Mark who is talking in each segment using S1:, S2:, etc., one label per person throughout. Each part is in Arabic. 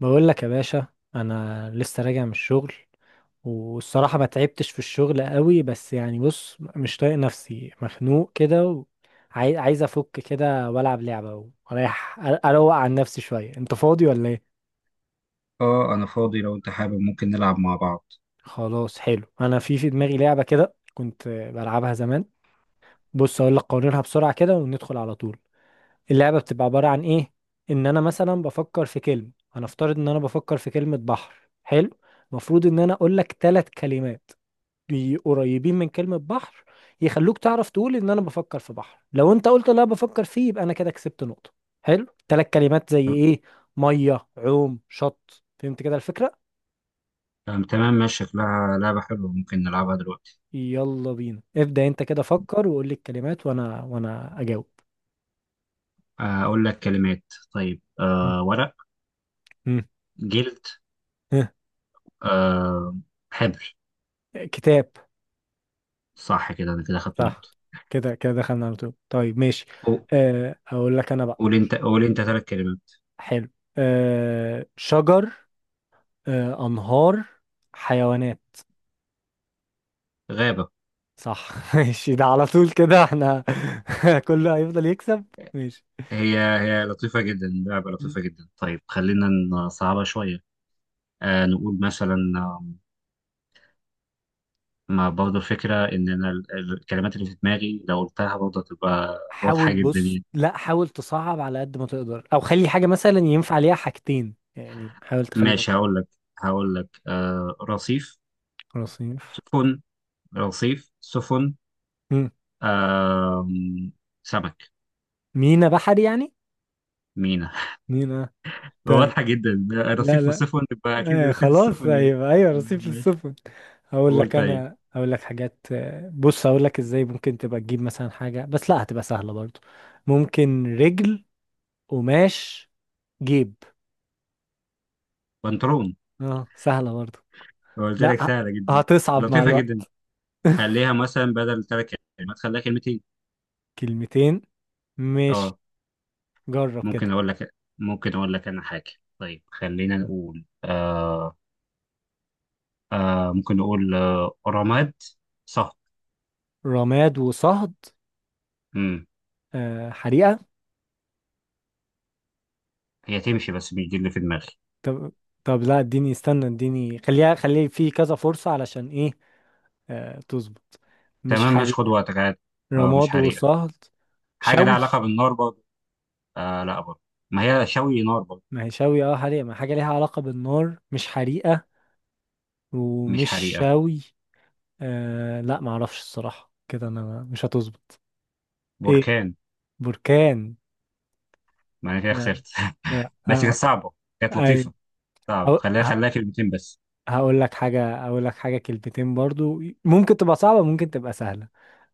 S1: بقول لك يا باشا، انا لسه راجع من الشغل. والصراحه ما تعبتش في الشغل قوي، بس يعني بص، مش طايق نفسي، مخنوق كده. وعايز افك كده والعب لعبه واريح، اروق عن نفسي شويه. انت فاضي ولا ايه؟
S2: اه انا فاضي، لو انت حابب ممكن نلعب مع بعض.
S1: خلاص حلو، انا في دماغي لعبه كده كنت بلعبها زمان. بص اقول لك قوانينها بسرعه كده وندخل على طول. اللعبه بتبقى عباره عن ايه؟ ان انا مثلا بفكر في كلمه، هنفترض ان انا بفكر في كلمه بحر. حلو. المفروض ان انا اقول لك ثلاث كلمات قريبين من كلمة بحر، يخلوك تعرف تقول ان انا بفكر في بحر. لو انت قلت لا بفكر فيه، يبقى انا كده كسبت نقطة. حلو. ثلاث كلمات زي ايه؟ مية، عوم، شط. فهمت كده الفكرة؟
S2: تمام، ماشي. شكلها لعبة حلوة، ممكن نلعبها دلوقتي.
S1: يلا بينا، ابدأ انت كده، فكر وقول لي الكلمات وانا اجاوب.
S2: أقول لك كلمات. طيب
S1: م.
S2: ورق.
S1: م.
S2: جلد.
S1: ها.
S2: أه، حبر.
S1: كتاب.
S2: صح كده، أنا كده خدت
S1: صح.
S2: نقطة.
S1: كده كده دخلنا على طول. طيب ماشي.
S2: قو-
S1: اقول لك انا بقى.
S2: قول أنت ثلاث كلمات.
S1: حلو. شجر. انهار. حيوانات.
S2: غابة.
S1: صح. ماشي، ده على طول كده احنا، كله هيفضل يكسب. ماشي.
S2: هي لطيفة جدا، لعبة
S1: مم.
S2: لطيفة جدا. طيب خلينا نصعبها شوية. نقول مثلا، ما برضه الفكرة إن أنا الكلمات اللي في دماغي لو قلتها برضه هتبقى
S1: حاول،
S2: واضحة جدا
S1: بص،
S2: يعني.
S1: لا حاول تصعب على قد ما تقدر، او خلي حاجة مثلا ينفع عليها حاجتين، يعني حاول تخلي
S2: ماشي
S1: الموضوع.
S2: هقول لك. آه، رصيف.
S1: خلاص ينفع.
S2: سفن. رصيف سفن.
S1: مم.
S2: آه، سمك.
S1: مينا بحري يعني.
S2: مينا.
S1: مينا. طيب.
S2: واضحة جدا،
S1: لا
S2: رصيف
S1: لا.
S2: وسفن يبقى أكيد
S1: آه
S2: رصيف
S1: خلاص،
S2: السفن يعني.
S1: ايوه ايوه،
S2: تمام
S1: رصيف
S2: ماشي.
S1: للسفن.
S2: قول طيب.
S1: هقول لك حاجات. بص هقول لك ازاي ممكن تبقى تجيب مثلا حاجة، بس لا هتبقى سهلة برضو. ممكن. رجل. قماش. جيب.
S2: بنطلون.
S1: اه، سهلة برضه.
S2: قلت
S1: لا
S2: لك سهلة جدا.
S1: هتصعب مع
S2: لطيفة جدا.
S1: الوقت.
S2: خليها مثلا بدل تلات كلمات خليها كلمتين.
S1: كلمتين. مش،
S2: اه.
S1: جرب
S2: ممكن
S1: كده.
S2: أقول لك ممكن أقول لك أنا حاجة. طيب خلينا نقول آه. ممكن نقول، آه، رماد. صح.
S1: رماد وصهد.
S2: مم.
S1: حريقة.
S2: هي تمشي بس مش دي اللي في دماغي.
S1: طب طب لا اديني استنى، اديني خليها في كذا فرصة علشان ايه. تظبط. مش
S2: تمام ماشي، خد
S1: حريقة.
S2: وقتك عادي. آه، مش
S1: رماد
S2: حريقة.
S1: وصهد.
S2: حاجة لها
S1: شوي.
S2: علاقة بالنار برضه. آه لا برضه. ما هي شوي نار برضه.
S1: ما هي شوي، اه حريقة، ما حاجة ليها علاقة بالنار، مش حريقة.
S2: مش
S1: ومش
S2: حريقة.
S1: شوي. آه لا، ما اعرفش الصراحة، كده انا مش هتظبط. ايه،
S2: بركان.
S1: بركان.
S2: ما أنا كده
S1: لا،
S2: خسرت.
S1: لا.
S2: بس كانت صعبة. كانت
S1: آه.
S2: لطيفة. صعب.
S1: هقو- ه-
S2: خليها كلمتين بس.
S1: هقول لك حاجة كلمتين برضو، ممكن تبقى صعبة ممكن تبقى سهلة.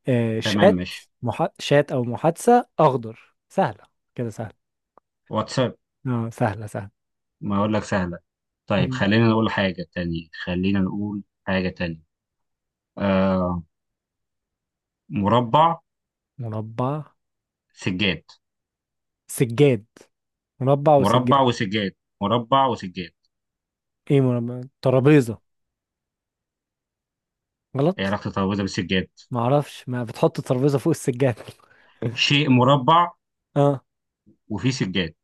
S2: تمام
S1: شات.
S2: ماشي.
S1: شات أو محادثة أخضر. سهلة. كده سهلة.
S2: واتساب.
S1: اه، سهلة سهلة.
S2: ما أقول لك سهلة. طيب
S1: مم.
S2: خلينا نقول حاجة تانية. خلينا نقول حاجة تانية. آه، مربع.
S1: مربع.
S2: سجاد.
S1: سجاد. مربع
S2: مربع
S1: وسجاد.
S2: وسجاد. مربع وسجاد.
S1: ايه، مربع، ترابيزة.
S2: ايه
S1: غلط.
S2: علاقة الترابيزة بالسجاد؟
S1: معرفش، ما بتحط الترابيزة فوق السجاد.
S2: شيء مربع
S1: اه.
S2: وفيه سجاد.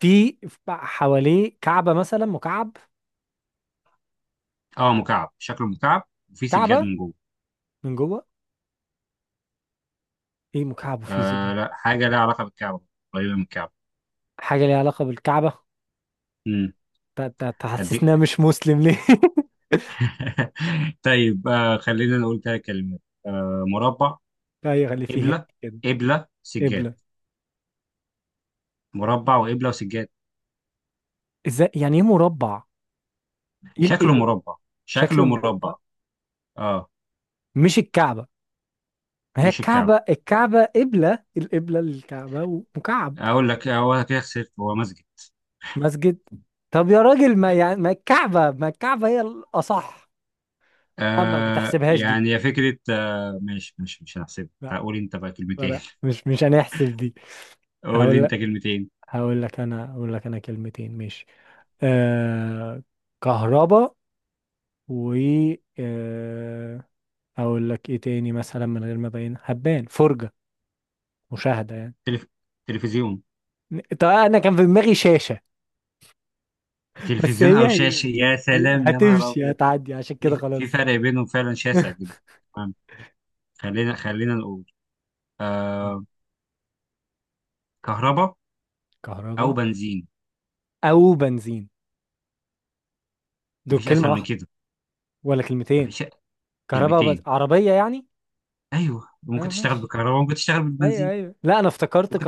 S1: في حواليه كعبة مثلا، مكعب.
S2: اه مكعب، شكله مكعب وفي سجاد
S1: كعبة.
S2: من جوه.
S1: من جوه. ايه مكعب وفيه سجاد.
S2: آه لا، حاجه لها علاقه بالكعبه. قريبه من الكعبه.
S1: حاجة ليها علاقة بالكعبة.
S2: امم. هديك.
S1: تحسسنا مش مسلم ليه.
S2: طيب آه، خلينا نقول ثلاث كلمات. آه، مربع.
S1: لا يغلي فيه.
S2: قبله.
S1: كده.
S2: سجاد.
S1: قبلة.
S2: مربع وقبله وسجاد.
S1: ازاي يعني ايه مربع؟ ايه ال- ايه
S2: شكله
S1: الم-
S2: مربع
S1: شكل
S2: شكله
S1: المربع.
S2: مربع اه.
S1: مش الكعبة. ما هي
S2: مش الكعبه.
S1: الكعبة، الكعبة قبلة، القبلة للكعبة ومكعب.
S2: اقول لك هو كده خسرت، هو مسجد.
S1: مسجد. طب يا راجل، ما يعني ما الكعبة، ما الكعبة هي الأصح. لا ما
S2: آه
S1: تحسبهاش دي.
S2: يعني، يا فكره، آه ماشي ماشي مش هنحسبها،
S1: لا.
S2: تعال قول انت بقى
S1: لا
S2: كلمتين.
S1: لا، مش هنحسب دي.
S2: قول لي
S1: هقول
S2: انت
S1: لك
S2: كلمتين.
S1: هقول لك انا كلمتين ماشي. آه كهرباء. و آه اقول لك ايه تاني مثلا، من غير ما ابين هبان، فرجة، مشاهدة يعني.
S2: تلف... تلفزيون.
S1: طب انا كان في دماغي شاشة، بس
S2: تلفزيون
S1: هي
S2: او
S1: هي
S2: شاشه، يا سلام، يا نهار
S1: هتمشي،
S2: ابيض.
S1: هتعدي عشان كده
S2: في
S1: خلاص.
S2: فرق بينهم فعلا شاسع جدا. تمام. خلينا نقول آه. كهرباء او
S1: كهرباء
S2: بنزين.
S1: او بنزين. دول
S2: مفيش
S1: كلمة
S2: اسهل من
S1: واحدة
S2: كده.
S1: ولا كلمتين؟
S2: مفيش.
S1: كهرباء وبنزين.
S2: كلمتين.
S1: عربية يعني.
S2: ايوه، ممكن
S1: اه
S2: تشتغل
S1: ماشي.
S2: بالكهرباء، ممكن تشتغل
S1: ايوه
S2: بالبنزين.
S1: ايوه، لا انا افتكرت
S2: ممكن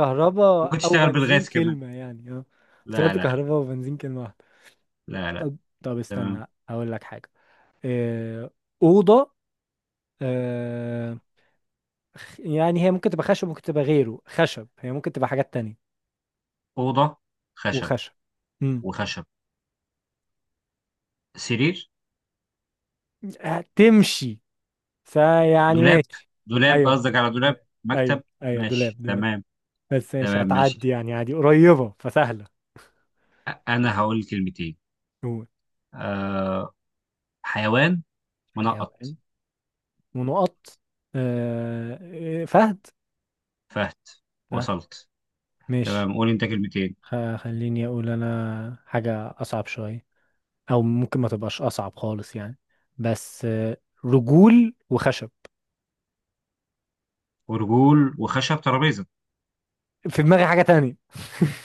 S2: ممكن
S1: او
S2: تشتغل
S1: بنزين
S2: بالغاز كمان.
S1: كلمة يعني، اه.
S2: لا
S1: افتكرت
S2: لا لا.
S1: كهرباء وبنزين كلمة واحدة.
S2: لا لا.
S1: طب.
S2: تمام.
S1: استنى اقول لك حاجة. آه، أوضة. آه، يعني هي ممكن تبقى خشب، ممكن تبقى غيره خشب، هي ممكن تبقى حاجات تانية.
S2: اوضه. خشب.
S1: وخشب. امم
S2: وخشب. سرير.
S1: هتمشي. فيعني
S2: دولاب.
S1: ماشي.
S2: دولاب
S1: ايوه
S2: قصدك على دولاب.
S1: ايوه ايوه
S2: مكتب.
S1: ايوه، دولاب
S2: ماشي
S1: دولاب.
S2: تمام.
S1: بس ماشي
S2: تمام ماشي.
S1: هتعدي يعني عادي، قريبة فسهلة.
S2: انا هقول كلمتين.
S1: هو.
S2: آه، حيوان. منقط.
S1: حيوان. ونقط. فهد.
S2: فهد.
S1: فهد.
S2: وصلت.
S1: ماشي.
S2: تمام، قول انت كلمتين.
S1: خليني اقول انا حاجة اصعب شوية، او ممكن ما تبقاش اصعب خالص يعني، بس رجول وخشب.
S2: ورجول وخشب، ترابيزه.
S1: في دماغي حاجة تانية.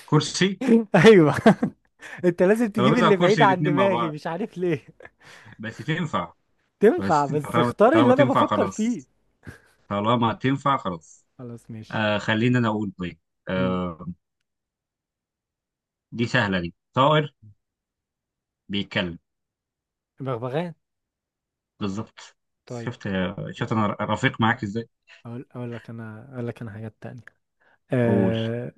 S2: كرسي.
S1: ايوه. انت لازم تجيب
S2: ترابيزه
S1: اللي بعيد
S2: وكرسي
S1: عن
S2: الاثنين مع
S1: دماغي،
S2: بعض،
S1: مش عارف ليه.
S2: بس تنفع. بس
S1: تنفع،
S2: تنفع،
S1: بس اختار اللي
S2: طالما
S1: انا
S2: تنفع
S1: بفكر فيه.
S2: خلاص. طالما تنفع خلاص.
S1: خلاص ماشي.
S2: آه خلينا، انا اقول طيب.
S1: مم.
S2: آه، دي سهله، دي طائر بيتكلم.
S1: بغبغان.
S2: بالظبط.
S1: طيب.
S2: شفت؟ شفت
S1: مم.
S2: انا رفيق معاك ازاي؟
S1: اقول لك انا حاجات تانية.
S2: قول.
S1: أه...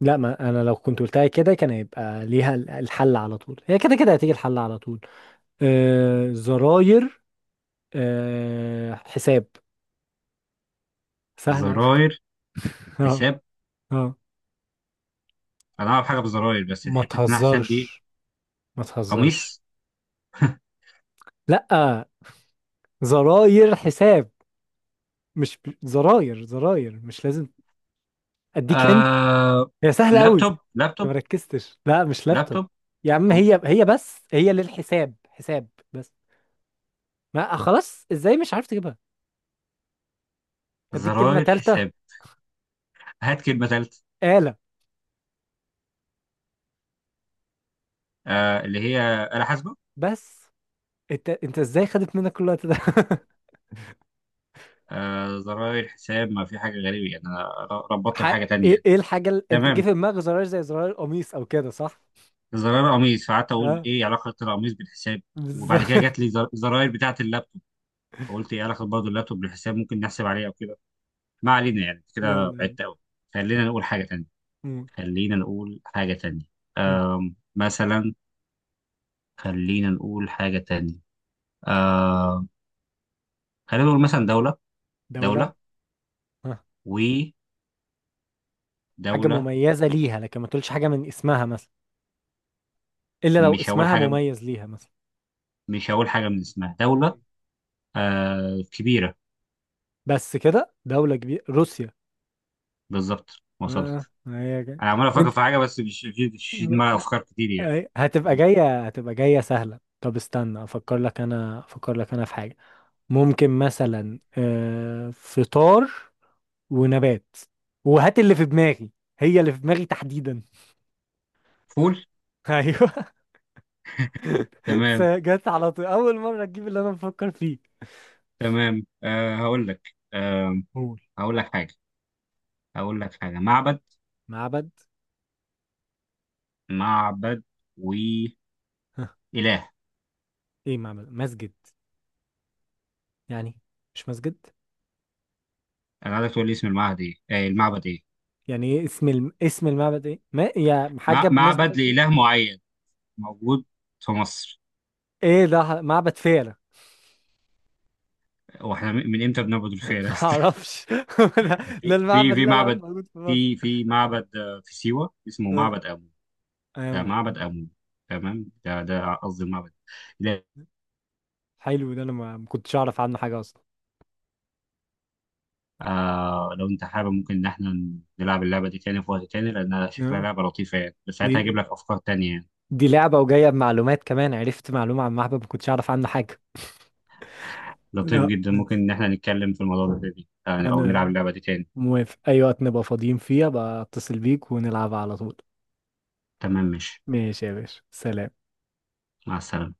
S1: لا ما انا لو كنت قلتها كده كان هيبقى ليها الحل على طول، هي كده كده هتيجي الحل على طول. زراير. حساب. سهلة أوي.
S2: زراير.
S1: اه.
S2: حساب.
S1: اه.
S2: انا اعرف حاجه بالزراير بس
S1: ما
S2: حته انها حساب دي؟
S1: تهزرش. ما تهزرش.
S2: قميص.
S1: لا. زراير حساب. مش زراير زراير مش لازم. اديك انت.
S2: آه.
S1: هي سهله قوي.
S2: لابتوب. لابتوب
S1: ما ركزتش، لا مش لابتوب.
S2: لابتوب
S1: يا عم هي هي، بس هي للحساب، حساب بس. ما خلاص، ازاي مش عارف تجيبها. اديك كلمه
S2: زراير حساب.
S1: ثالثه.
S2: هات كلمة ثالثة.
S1: آلة.
S2: آه اللي هي آلة حاسبة.
S1: بس انت ازاي، خدت منك كل الوقت ده.
S2: آه، زراير حساب، ما في حاجة غريبة يعني. أنا ربطت
S1: ح...
S2: بحاجة تانية
S1: ايه
S2: يعني.
S1: ايه الحاجه اللي، انت جه
S2: تمام.
S1: في دماغك زراير، زي زراير القميص او كده، صح.
S2: زراير قميص، فقعدت أقول
S1: اه،
S2: إيه علاقة القميص بالحساب. وبعد كده
S1: بالظبط.
S2: جات لي زراير بتاعة اللابتوب، فقلت إيه علاقة برضه اللابتوب بالحساب، ممكن نحسب عليه أو كده. ما علينا، يعني
S1: يلا
S2: كده
S1: يلا.
S2: بعدت أوي. خلينا نقول حاجة تانية.
S1: مم.
S2: خلينا نقول حاجة تانية.
S1: مم.
S2: آم، مثلا. خلينا نقول حاجة تانية. آم. خلينا نقول مثلا دولة.
S1: دوله.
S2: دولة.
S1: آه. حاجه
S2: ودولة.
S1: مميزه ليها، لكن ما تقولش حاجه من اسمها مثلا، الا لو
S2: مش هقول
S1: اسمها
S2: حاجة.
S1: مميز ليها مثلا.
S2: مش هقول حاجة من اسمها دولة. آه، كبيرة.
S1: بس كده دولة كبيرة، روسيا.
S2: بالظبط
S1: ما
S2: وصلت.
S1: ما هي جاي.
S2: أنا عمال أفكر
S1: انت
S2: في حاجة بس مش في
S1: ما-
S2: دماغي أفكار كتير يعني.
S1: هتبقى
S2: فول.
S1: جاية، هتبقى جاية سهلة. طب استنى افكر لك، انا افكر لك انا في حاجة. ممكن مثلا فطار ونبات، وهات اللي في دماغي، هي اللي في دماغي تحديدا.
S2: فول؟
S1: ايوه.
S2: تمام.
S1: جت على طول، اول مرة تجيب اللي انا بفكر فيه.
S2: تمام آه هقول لك آه.
S1: قول
S2: هقول لك حاجة هقول لك حاجة، معبد.
S1: معبد.
S2: معبد وإله.
S1: ها؟ ايه، معبد مسجد يعني. مش مسجد
S2: أنا عايزك تقول لي اسم المعبد إيه، المعبد إيه.
S1: يعني. ايه اسم المعبد ايه، ما يا حاجه بالناس
S2: معبد
S1: بتقول فيه.
S2: لإله معين، موجود في مصر.
S1: ايه ده، معبد فيلة.
S2: واحنا من امتى بنعبد الفيلة؟
S1: ما اعرفش. ده, ده المعبد اللي انا عارفه
S2: معبد،
S1: موجود في مصر.
S2: في في معبد آه، في سيوة اسمه
S1: آه.
S2: معبد أبو. ده
S1: ايوه.
S2: معبد أمون. تمام، ده قصدي المعبد. لا.
S1: حلو، ده انا ما كنتش اعرف عنه حاجه اصلا.
S2: آه لو أنت حابب ممكن إن إحنا نلعب اللعبة دي تاني في وقت تاني، لأنها شكلها
S1: آه.
S2: لعبة لطيفة يعني، بس ساعتها هجيب
S1: دي
S2: لك أفكار تانية يعني.
S1: دي لعبه وجايه بمعلومات كمان، عرفت معلومه عن معبد ما كنتش اعرف عنه حاجه.
S2: لطيف
S1: لا
S2: جدا، ممكن إن إحنا نتكلم في الموضوع ده تاني آه، أو نلعب
S1: انا
S2: اللعبة دي تاني.
S1: موافق اي وقت نبقى فاضيين فيه، بقى اتصل بيك ونلعب على طول.
S2: تمام ماشي.
S1: ماشي يا باشا، سلام.
S2: مع السلامة.